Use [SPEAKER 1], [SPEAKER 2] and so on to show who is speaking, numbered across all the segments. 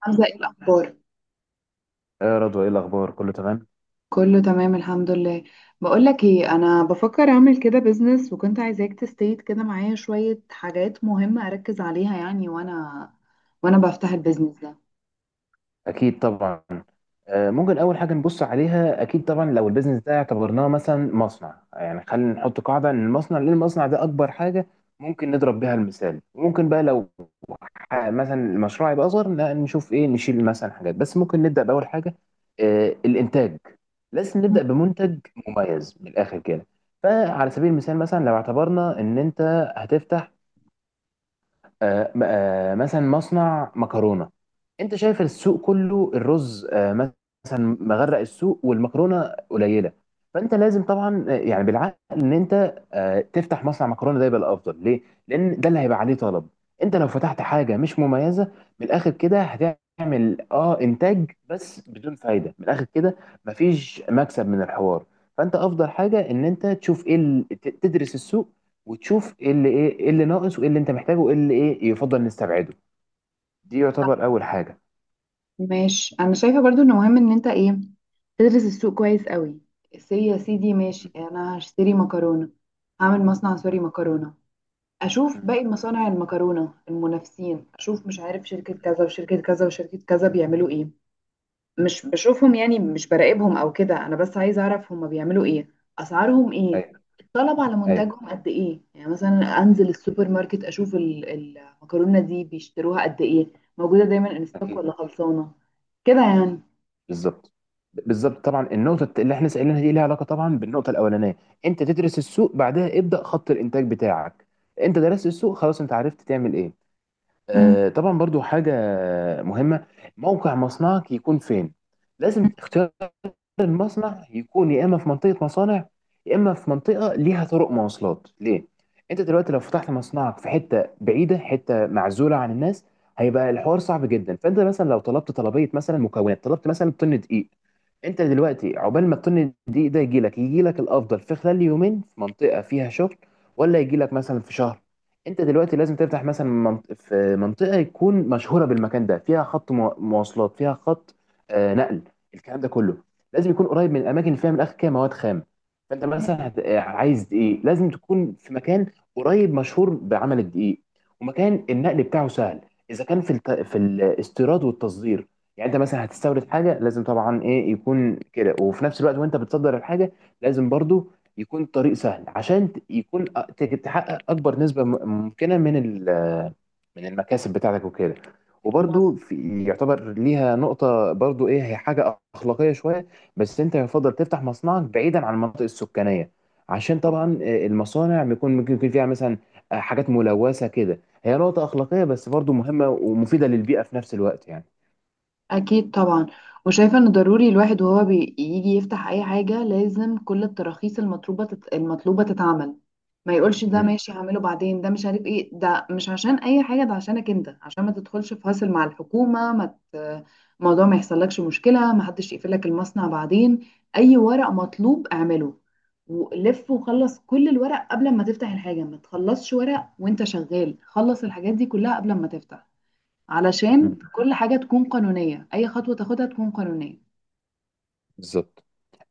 [SPEAKER 1] حمزة، ايه الأخبار؟
[SPEAKER 2] يا رضوى، ايه الاخبار؟ كله تمام.
[SPEAKER 1] كله تمام الحمد لله. بقول لك ايه، انا بفكر اعمل كده بيزنس، وكنت عايزاك تستيت كده معايا شوية حاجات مهمة اركز عليها يعني، وانا بفتح
[SPEAKER 2] مم.
[SPEAKER 1] البيزنس ده.
[SPEAKER 2] اكيد طبعا. ممكن اول حاجه نبص عليها، اكيد طبعا. لو البيزنس ده اعتبرناه مثلا مصنع، يعني خلينا نحط قاعده ان المصنع، ليه المصنع ده اكبر حاجه ممكن نضرب بيها المثال. ممكن بقى لو مثلا المشروع يبقى اصغر، لا نشوف ايه نشيل مثلا حاجات، بس ممكن نبدا باول حاجه. الانتاج. لازم
[SPEAKER 1] مم.
[SPEAKER 2] نبدا بمنتج مميز من الاخر كده. فعلى سبيل المثال، مثلا لو اعتبرنا ان انت هتفتح مثلا مصنع مكرونه. انت شايف السوق كله الرز، مثلا مغرق السوق، والمكرونه قليله. فانت لازم طبعا يعني بالعقل ان انت تفتح مصنع مكرونه، ده يبقى الافضل. ليه؟ لان ده اللي هيبقى عليه طلب. انت لو فتحت حاجه مش مميزه من الاخر كده، هتعمل اه انتاج بس بدون فايده من الاخر كده، مفيش مكسب من الحوار. فانت افضل حاجه ان انت تشوف ايه تدرس السوق، وتشوف ايه اللي ايه إيه اللي ناقص، وايه اللي انت محتاجه، وايه اللي يفضل نستبعده. دي يعتبر اول حاجه.
[SPEAKER 1] ماشي، انا شايفة برضو انه مهم ان انت ايه، تدرس السوق كويس قوي. سي يا سيدي، ماشي،
[SPEAKER 2] مم.
[SPEAKER 1] انا هشتري مكرونة، هعمل مصنع سوري
[SPEAKER 2] مم.
[SPEAKER 1] مكرونة. اشوف
[SPEAKER 2] مم.
[SPEAKER 1] باقي مصانع المكرونة المنافسين، اشوف مش عارف شركة كذا وشركة كذا وشركة كذا بيعملوا ايه.
[SPEAKER 2] مم.
[SPEAKER 1] مش بشوفهم يعني، مش براقبهم او كده، انا بس عايزه اعرف هما بيعملوا ايه، اسعارهم ايه،
[SPEAKER 2] ايوه.
[SPEAKER 1] الطلب على
[SPEAKER 2] ايوه.
[SPEAKER 1] منتجهم قد ايه، يعني مثلا
[SPEAKER 2] مم.
[SPEAKER 1] انزل السوبر ماركت اشوف المكرونه دي بيشتروها قد ايه، موجوده دايما ان ستوك
[SPEAKER 2] اكيد.
[SPEAKER 1] ولا خلصانه، كده يعني.
[SPEAKER 2] بالظبط. بالظبط طبعا، النقطه اللي احنا سالناها دي ليها علاقه طبعا بالنقطه الاولانيه. انت تدرس السوق، بعدها ابدا خط الانتاج بتاعك. انت درست السوق خلاص، انت عرفت تعمل ايه.
[SPEAKER 1] امم
[SPEAKER 2] آه طبعا، برضو حاجه مهمه: موقع مصنعك يكون فين. لازم اختيار المصنع يكون يا اما في منطقه مصانع، يا اما في منطقه ليها طرق مواصلات ليه. انت دلوقتي لو فتحت مصنعك في حته بعيده، حته معزوله عن الناس، هيبقى الحوار صعب جدا. فانت مثلا لو طلبت طلبيه مثلا مكونات، طلبت مثلا طن دقيق، انت دلوقتي عقبال ما الطن الدقيق ده يجي لك، يجي لك الافضل في خلال يومين في منطقه فيها شغل، ولا يجي لك مثلا في شهر؟ انت دلوقتي لازم تفتح مثلا في منطقه يكون مشهوره بالمكان ده، فيها خط مواصلات، فيها خط نقل. الكلام ده كله لازم يكون قريب من الاماكن اللي فيها من الاخر كده مواد خام. فانت مثلا عايز دقيق، لازم تكون في مكان قريب مشهور بعمل الدقيق، ومكان النقل بتاعه سهل. اذا كان في الاستيراد والتصدير، يعني انت مثلا هتستورد حاجه، لازم طبعا ايه يكون كده، وفي نفس الوقت وانت بتصدر الحاجه لازم برضو يكون الطريق سهل، عشان يكون تحقق اكبر نسبه ممكنه من المكاسب بتاعتك وكده.
[SPEAKER 1] مظبوط.
[SPEAKER 2] وبرضو في يعتبر ليها نقطة برضو، ايه هي؟ حاجة أخلاقية شوية. بس انت يفضل تفتح مصنعك بعيدا عن المناطق السكانية، عشان طبعا المصانع بيكون ممكن يكون فيها مثلا حاجات ملوثة كده. هي نقطة أخلاقية بس برضو مهمة ومفيدة للبيئة في نفس الوقت يعني.
[SPEAKER 1] اكيد طبعا. وشايفه ان ضروري الواحد وهو بيجي يفتح اي حاجه لازم كل التراخيص المطلوبه تتعمل. ما يقولش ده
[SPEAKER 2] امم
[SPEAKER 1] ماشي هعمله بعدين، ده مش عارف ايه، ده مش عشان اي حاجه، ده عشانك انت، عشان ما تدخلش في هاسل مع الحكومه، ما ت... الموضوع ما يحصلكش مشكله، ما حدش يقفلك المصنع بعدين. اي ورق مطلوب اعمله ولف، وخلص كل الورق قبل ما تفتح الحاجه، ما تخلصش ورق وانت شغال، خلص الحاجات دي كلها قبل ما تفتح. علشان كل حاجة تكون قانونية، أي خطوة تاخدها تكون قانونية.
[SPEAKER 2] بالظبط.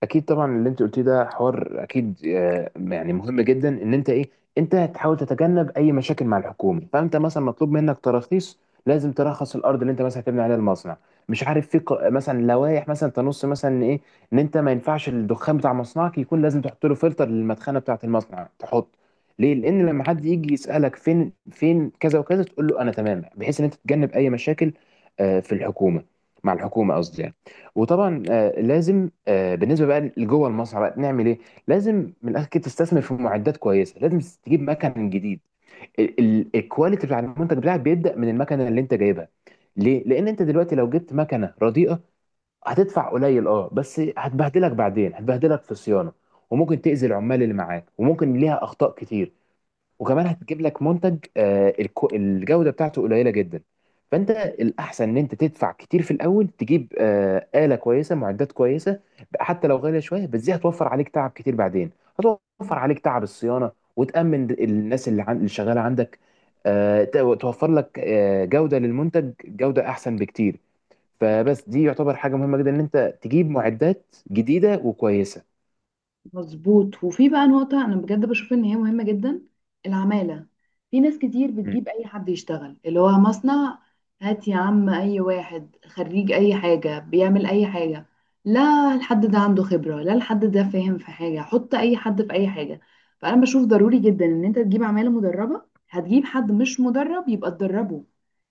[SPEAKER 2] اكيد طبعا، اللي انت قلتيه ده حوار اكيد يعني مهم جدا، ان انت ايه، انت هتحاول تتجنب اي مشاكل مع الحكومه. فانت مثلا مطلوب منك تراخيص، لازم ترخص الارض اللي انت مثلا هتبني عليها المصنع. مش عارف في مثلا لوائح مثلا تنص مثلا إن ايه، ان انت ما ينفعش الدخان بتاع مصنعك يكون، لازم تحط له فلتر للمدخنه بتاعه المصنع، تحط. ليه؟ لان لما حد يجي يسالك فين كذا وكذا، تقول له انا تمام، بحيث ان انت تتجنب اي مشاكل آه، في الحكومه مع الحكومه قصدي يعني. وطبعا لازم بالنسبه بقى لجوه المصنع بقى نعمل ايه؟ لازم من الاخر كده تستثمر في معدات كويسه، لازم تجيب مكن جديد، الكواليتي بتاع المنتج بتاعك بيبدا من المكنه اللي انت جايبها. ليه؟ لان انت دلوقتي لو جبت مكنه رديئه، هتدفع قليل اه بس هتبهدلك بعدين، هتبهدلك في الصيانه، وممكن تاذي العمال اللي معاك، وممكن ليها اخطاء كتير. وكمان هتجيب لك منتج الجودة بتاعته قليلة جدا. فانت الاحسن ان انت تدفع كتير في الاول، تجيب آلة كويسة، معدات كويسة، حتى لو غالية شوية، بس دي هتوفر عليك تعب كتير بعدين، هتوفر عليك تعب الصيانة، وتأمن الناس اللي اللي شغالة عندك، توفر لك جودة للمنتج، جودة احسن بكتير. فبس دي يعتبر حاجة مهمة جدا ان انت تجيب معدات جديدة وكويسة.
[SPEAKER 1] مظبوط. وفي بقى نقطة أنا بجد بشوف إن هي مهمة جدا، العمالة. في ناس كتير
[SPEAKER 2] مم.
[SPEAKER 1] بتجيب أي حد يشتغل اللي هو مصنع، هات يا عم أي واحد خريج أي حاجة بيعمل أي حاجة. لا، الحد ده عنده خبرة، لا، الحد ده فاهم في حاجة، حط أي حد في أي حاجة. فأنا بشوف ضروري جدا إن أنت تجيب عمالة مدربة، هتجيب حد مش مدرب يبقى تدربه،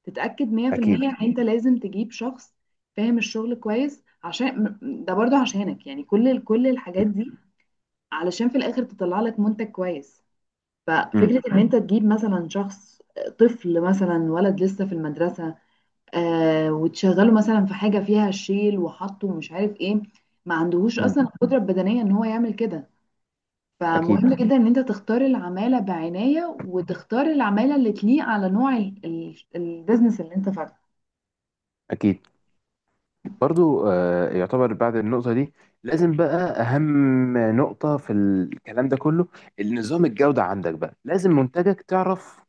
[SPEAKER 1] تتأكد 100%
[SPEAKER 2] اكيد.
[SPEAKER 1] إن أنت لازم تجيب شخص فاهم الشغل كويس، عشان ده برضو عشانك يعني. كل الحاجات دي علشان في الاخر تطلع لك منتج كويس.
[SPEAKER 2] مم.
[SPEAKER 1] ففكرة ان انت تجيب مثلا شخص طفل مثلا، ولد لسه في المدرسة، وتشغله مثلا في حاجة فيها شيل وحط ومش عارف ايه، ما عندهوش
[SPEAKER 2] مم.
[SPEAKER 1] اصلا القدرة البدنية ان هو يعمل كده.
[SPEAKER 2] اكيد.
[SPEAKER 1] فمهم جدا ان انت تختار العمالة بعناية، وتختار العمالة اللي تليق على نوع البيزنس اللي انت فاتحه.
[SPEAKER 2] اكيد برضو يعتبر بعد النقطة دي، لازم بقى أهم نقطة في الكلام ده كله: النظام الجودة عندك بقى، لازم منتجك تعرف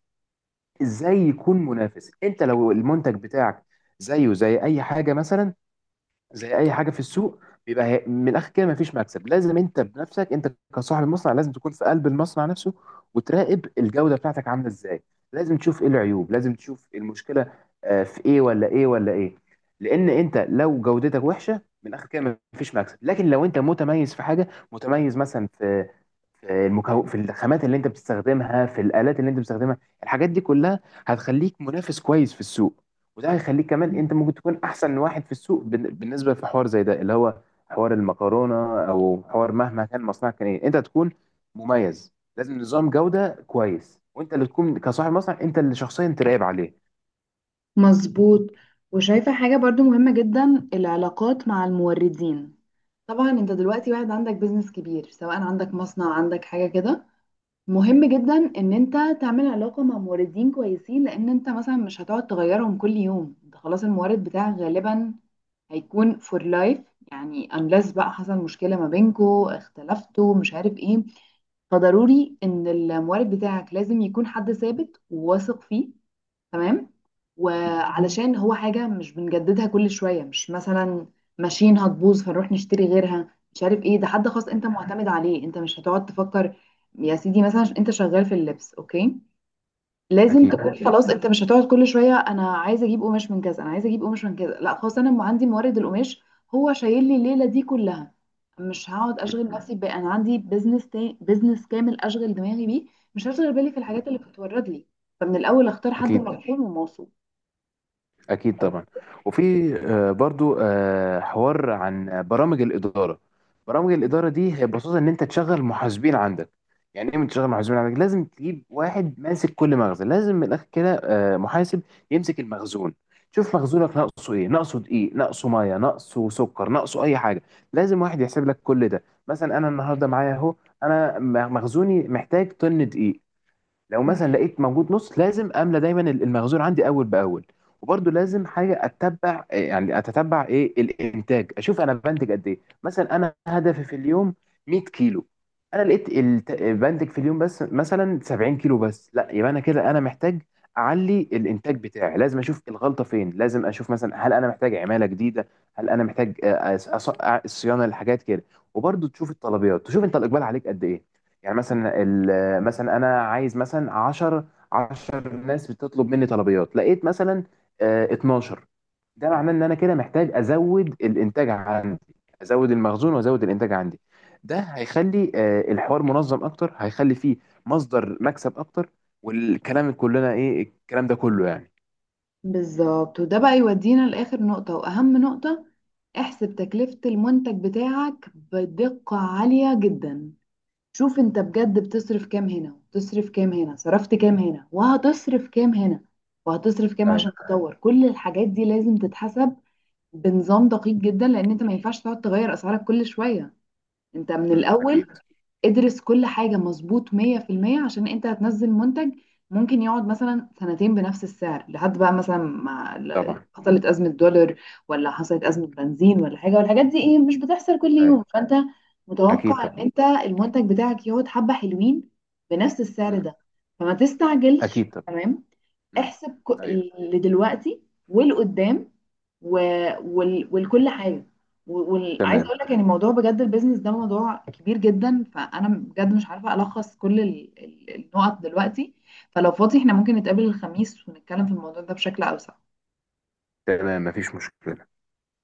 [SPEAKER 2] إزاي يكون منافس. أنت لو المنتج بتاعك زيه زي أي حاجة، مثلا زي اي حاجه في السوق، بيبقى من الاخر كده مفيش مكسب. لازم انت بنفسك، انت كصاحب المصنع لازم تكون في قلب المصنع نفسه، وتراقب الجوده بتاعتك عامله ازاي. لازم تشوف ايه العيوب، لازم تشوف إيه المشكله في ايه ولا ايه ولا ايه. لان انت لو جودتك وحشه، من الاخر كده مفيش مكسب. لكن لو انت متميز في حاجه، متميز مثلا في المكون، في الخامات اللي انت بتستخدمها، في الالات اللي انت بتستخدمها، الحاجات دي كلها هتخليك منافس كويس في السوق، وده هيخليك كمان انت ممكن تكون احسن واحد في السوق. بالنسبه في حوار زي ده، اللي هو حوار المكرونه، او حوار مهما كان مصنعك كان ايه، انت تكون مميز. لازم نظام جوده كويس، وانت اللي تكون كصاحب مصنع انت اللي شخصيا تراقب عليه.
[SPEAKER 1] مظبوط. وشايفة حاجة برضو مهمة جدا، العلاقات مع الموردين. طبعا انت دلوقتي واحد عندك بيزنس كبير، سواء عندك مصنع، عندك حاجة كده، مهم جدا ان انت تعمل علاقة مع موردين كويسين، لان انت مثلا مش هتقعد تغيرهم كل يوم، انت خلاص المورد بتاعك غالبا هيكون فور لايف. يعني unless بقى حصل مشكلة ما بينكوا، اختلفتوا مش عارف ايه. فضروري ان المورد بتاعك لازم يكون حد ثابت وواثق فيه، تمام.
[SPEAKER 2] م- م-
[SPEAKER 1] وعلشان هو حاجة مش بنجددها كل شوية، مش مثلا ماشيين هتبوظ فنروح نشتري غيرها مش عارف ايه، ده حد خاص
[SPEAKER 2] م.
[SPEAKER 1] انت معتمد عليه، انت مش هتقعد تفكر. يا سيدي، مثلا انت شغال في اللبس، اوكي، لازم انا
[SPEAKER 2] اكيد.
[SPEAKER 1] تكون خلاص، انت مش هتقعد كل شويه انا عايزه اجيب قماش من كذا، انا عايزه اجيب قماش من كذا، لا خلاص، انا عندي مورد القماش، هو شايل لي الليله دي كلها. مش هقعد
[SPEAKER 2] م-
[SPEAKER 1] اشغل نفسي، بقى انا عندي بزنس تاني، بزنس كامل اشغل دماغي بيه، مش هشغل بالي في
[SPEAKER 2] م.
[SPEAKER 1] الحاجات اللي بتتورد لي. فمن الاول اختار حد
[SPEAKER 2] اكيد.
[SPEAKER 1] مرحوم وموثوق.
[SPEAKER 2] اكيد طبعا. وفي برضو حوار عن برامج الاداره. برامج الاداره دي هي ببساطه ان انت تشغل محاسبين عندك. يعني ايه من تشغل محاسبين عندك؟ لازم تجيب واحد ماسك كل مخزن، لازم من الاخر كده محاسب يمسك المخزون. شوف مخزونك ناقصه ايه، ناقصه دقيق، ناقصه ميه، ناقصه سكر، ناقصه اي حاجه، لازم واحد يحسب لك كل ده. مثلا انا النهارده معايا اهو، انا مخزوني محتاج طن دقيق، لو
[SPEAKER 1] مم.
[SPEAKER 2] مثلا لقيت موجود نص، لازم املى دايما المخزون عندي اول باول. وبرده لازم حاجه اتبع اتتبع ايه الانتاج، اشوف انا بنتج قد ايه. مثلا انا هدفي في اليوم 100 كيلو، انا لقيت بنتج في اليوم بس مثلا 70 كيلو بس، لا يبقى انا كده انا محتاج اعلي الانتاج بتاعي. لازم اشوف الغلطه فين، لازم اشوف مثلا هل انا محتاج عماله جديده، هل انا محتاج الصيانه للحاجات كده. وبرده تشوف الطلبيات، تشوف انت الاقبال عليك قد ايه. يعني مثلا، مثلا انا عايز مثلا 10 ناس بتطلب مني طلبيات، لقيت مثلا 12. ده معناه ان انا كده محتاج ازود الانتاج عندي، ازود المخزون وازود الانتاج عندي. ده هيخلي الحوار منظم اكتر، هيخلي فيه مصدر مكسب اكتر. والكلام كلنا ايه الكلام ده كله يعني.
[SPEAKER 1] بالظبط، وده بقى يودينا لاخر نقطه واهم نقطه، احسب تكلفه المنتج بتاعك بدقه عاليه جدا. شوف انت بجد بتصرف كام هنا وتصرف كام هنا، صرفت كام هنا وهتصرف كام هنا، وهتصرف كام عشان
[SPEAKER 2] ايوه.
[SPEAKER 1] تطور، كل الحاجات دي لازم تتحسب بنظام دقيق جدا، لان انت ما ينفعش تقعد تغير اسعارك كل شوية. انت من الاول
[SPEAKER 2] اكيد
[SPEAKER 1] ادرس كل حاجة مظبوط 100%، عشان انت هتنزل منتج ممكن يقعد مثلا سنتين بنفس السعر، لحد بقى مثلا ما
[SPEAKER 2] طبعا.
[SPEAKER 1] حصلت أزمة دولار، ولا حصلت أزمة بنزين، ولا حاجة. والحاجات دي ايه، مش بتحصل كل يوم،
[SPEAKER 2] ايوه.
[SPEAKER 1] فانت
[SPEAKER 2] اكيد
[SPEAKER 1] متوقع ان
[SPEAKER 2] طبعا.
[SPEAKER 1] انت المنتج بتاعك يقعد حبة حلوين بنفس السعر
[SPEAKER 2] أمم،
[SPEAKER 1] ده. فما تستعجلش،
[SPEAKER 2] اكيد طبعا.
[SPEAKER 1] تمام.
[SPEAKER 2] أمم،
[SPEAKER 1] احسب
[SPEAKER 2] ايوه.
[SPEAKER 1] اللي دلوقتي والقدام، و... والكل حاجه، عايزه
[SPEAKER 2] تمام.
[SPEAKER 1] اقول لك يعني موضوع، بجد البيزنس ده موضوع كبير جدا، فانا بجد مش عارفه الخص كل النقط دلوقتي. فلو فاضي احنا ممكن نتقابل الخميس ونتكلم في الموضوع ده بشكل اوسع.
[SPEAKER 2] تمام مفيش مشكلة.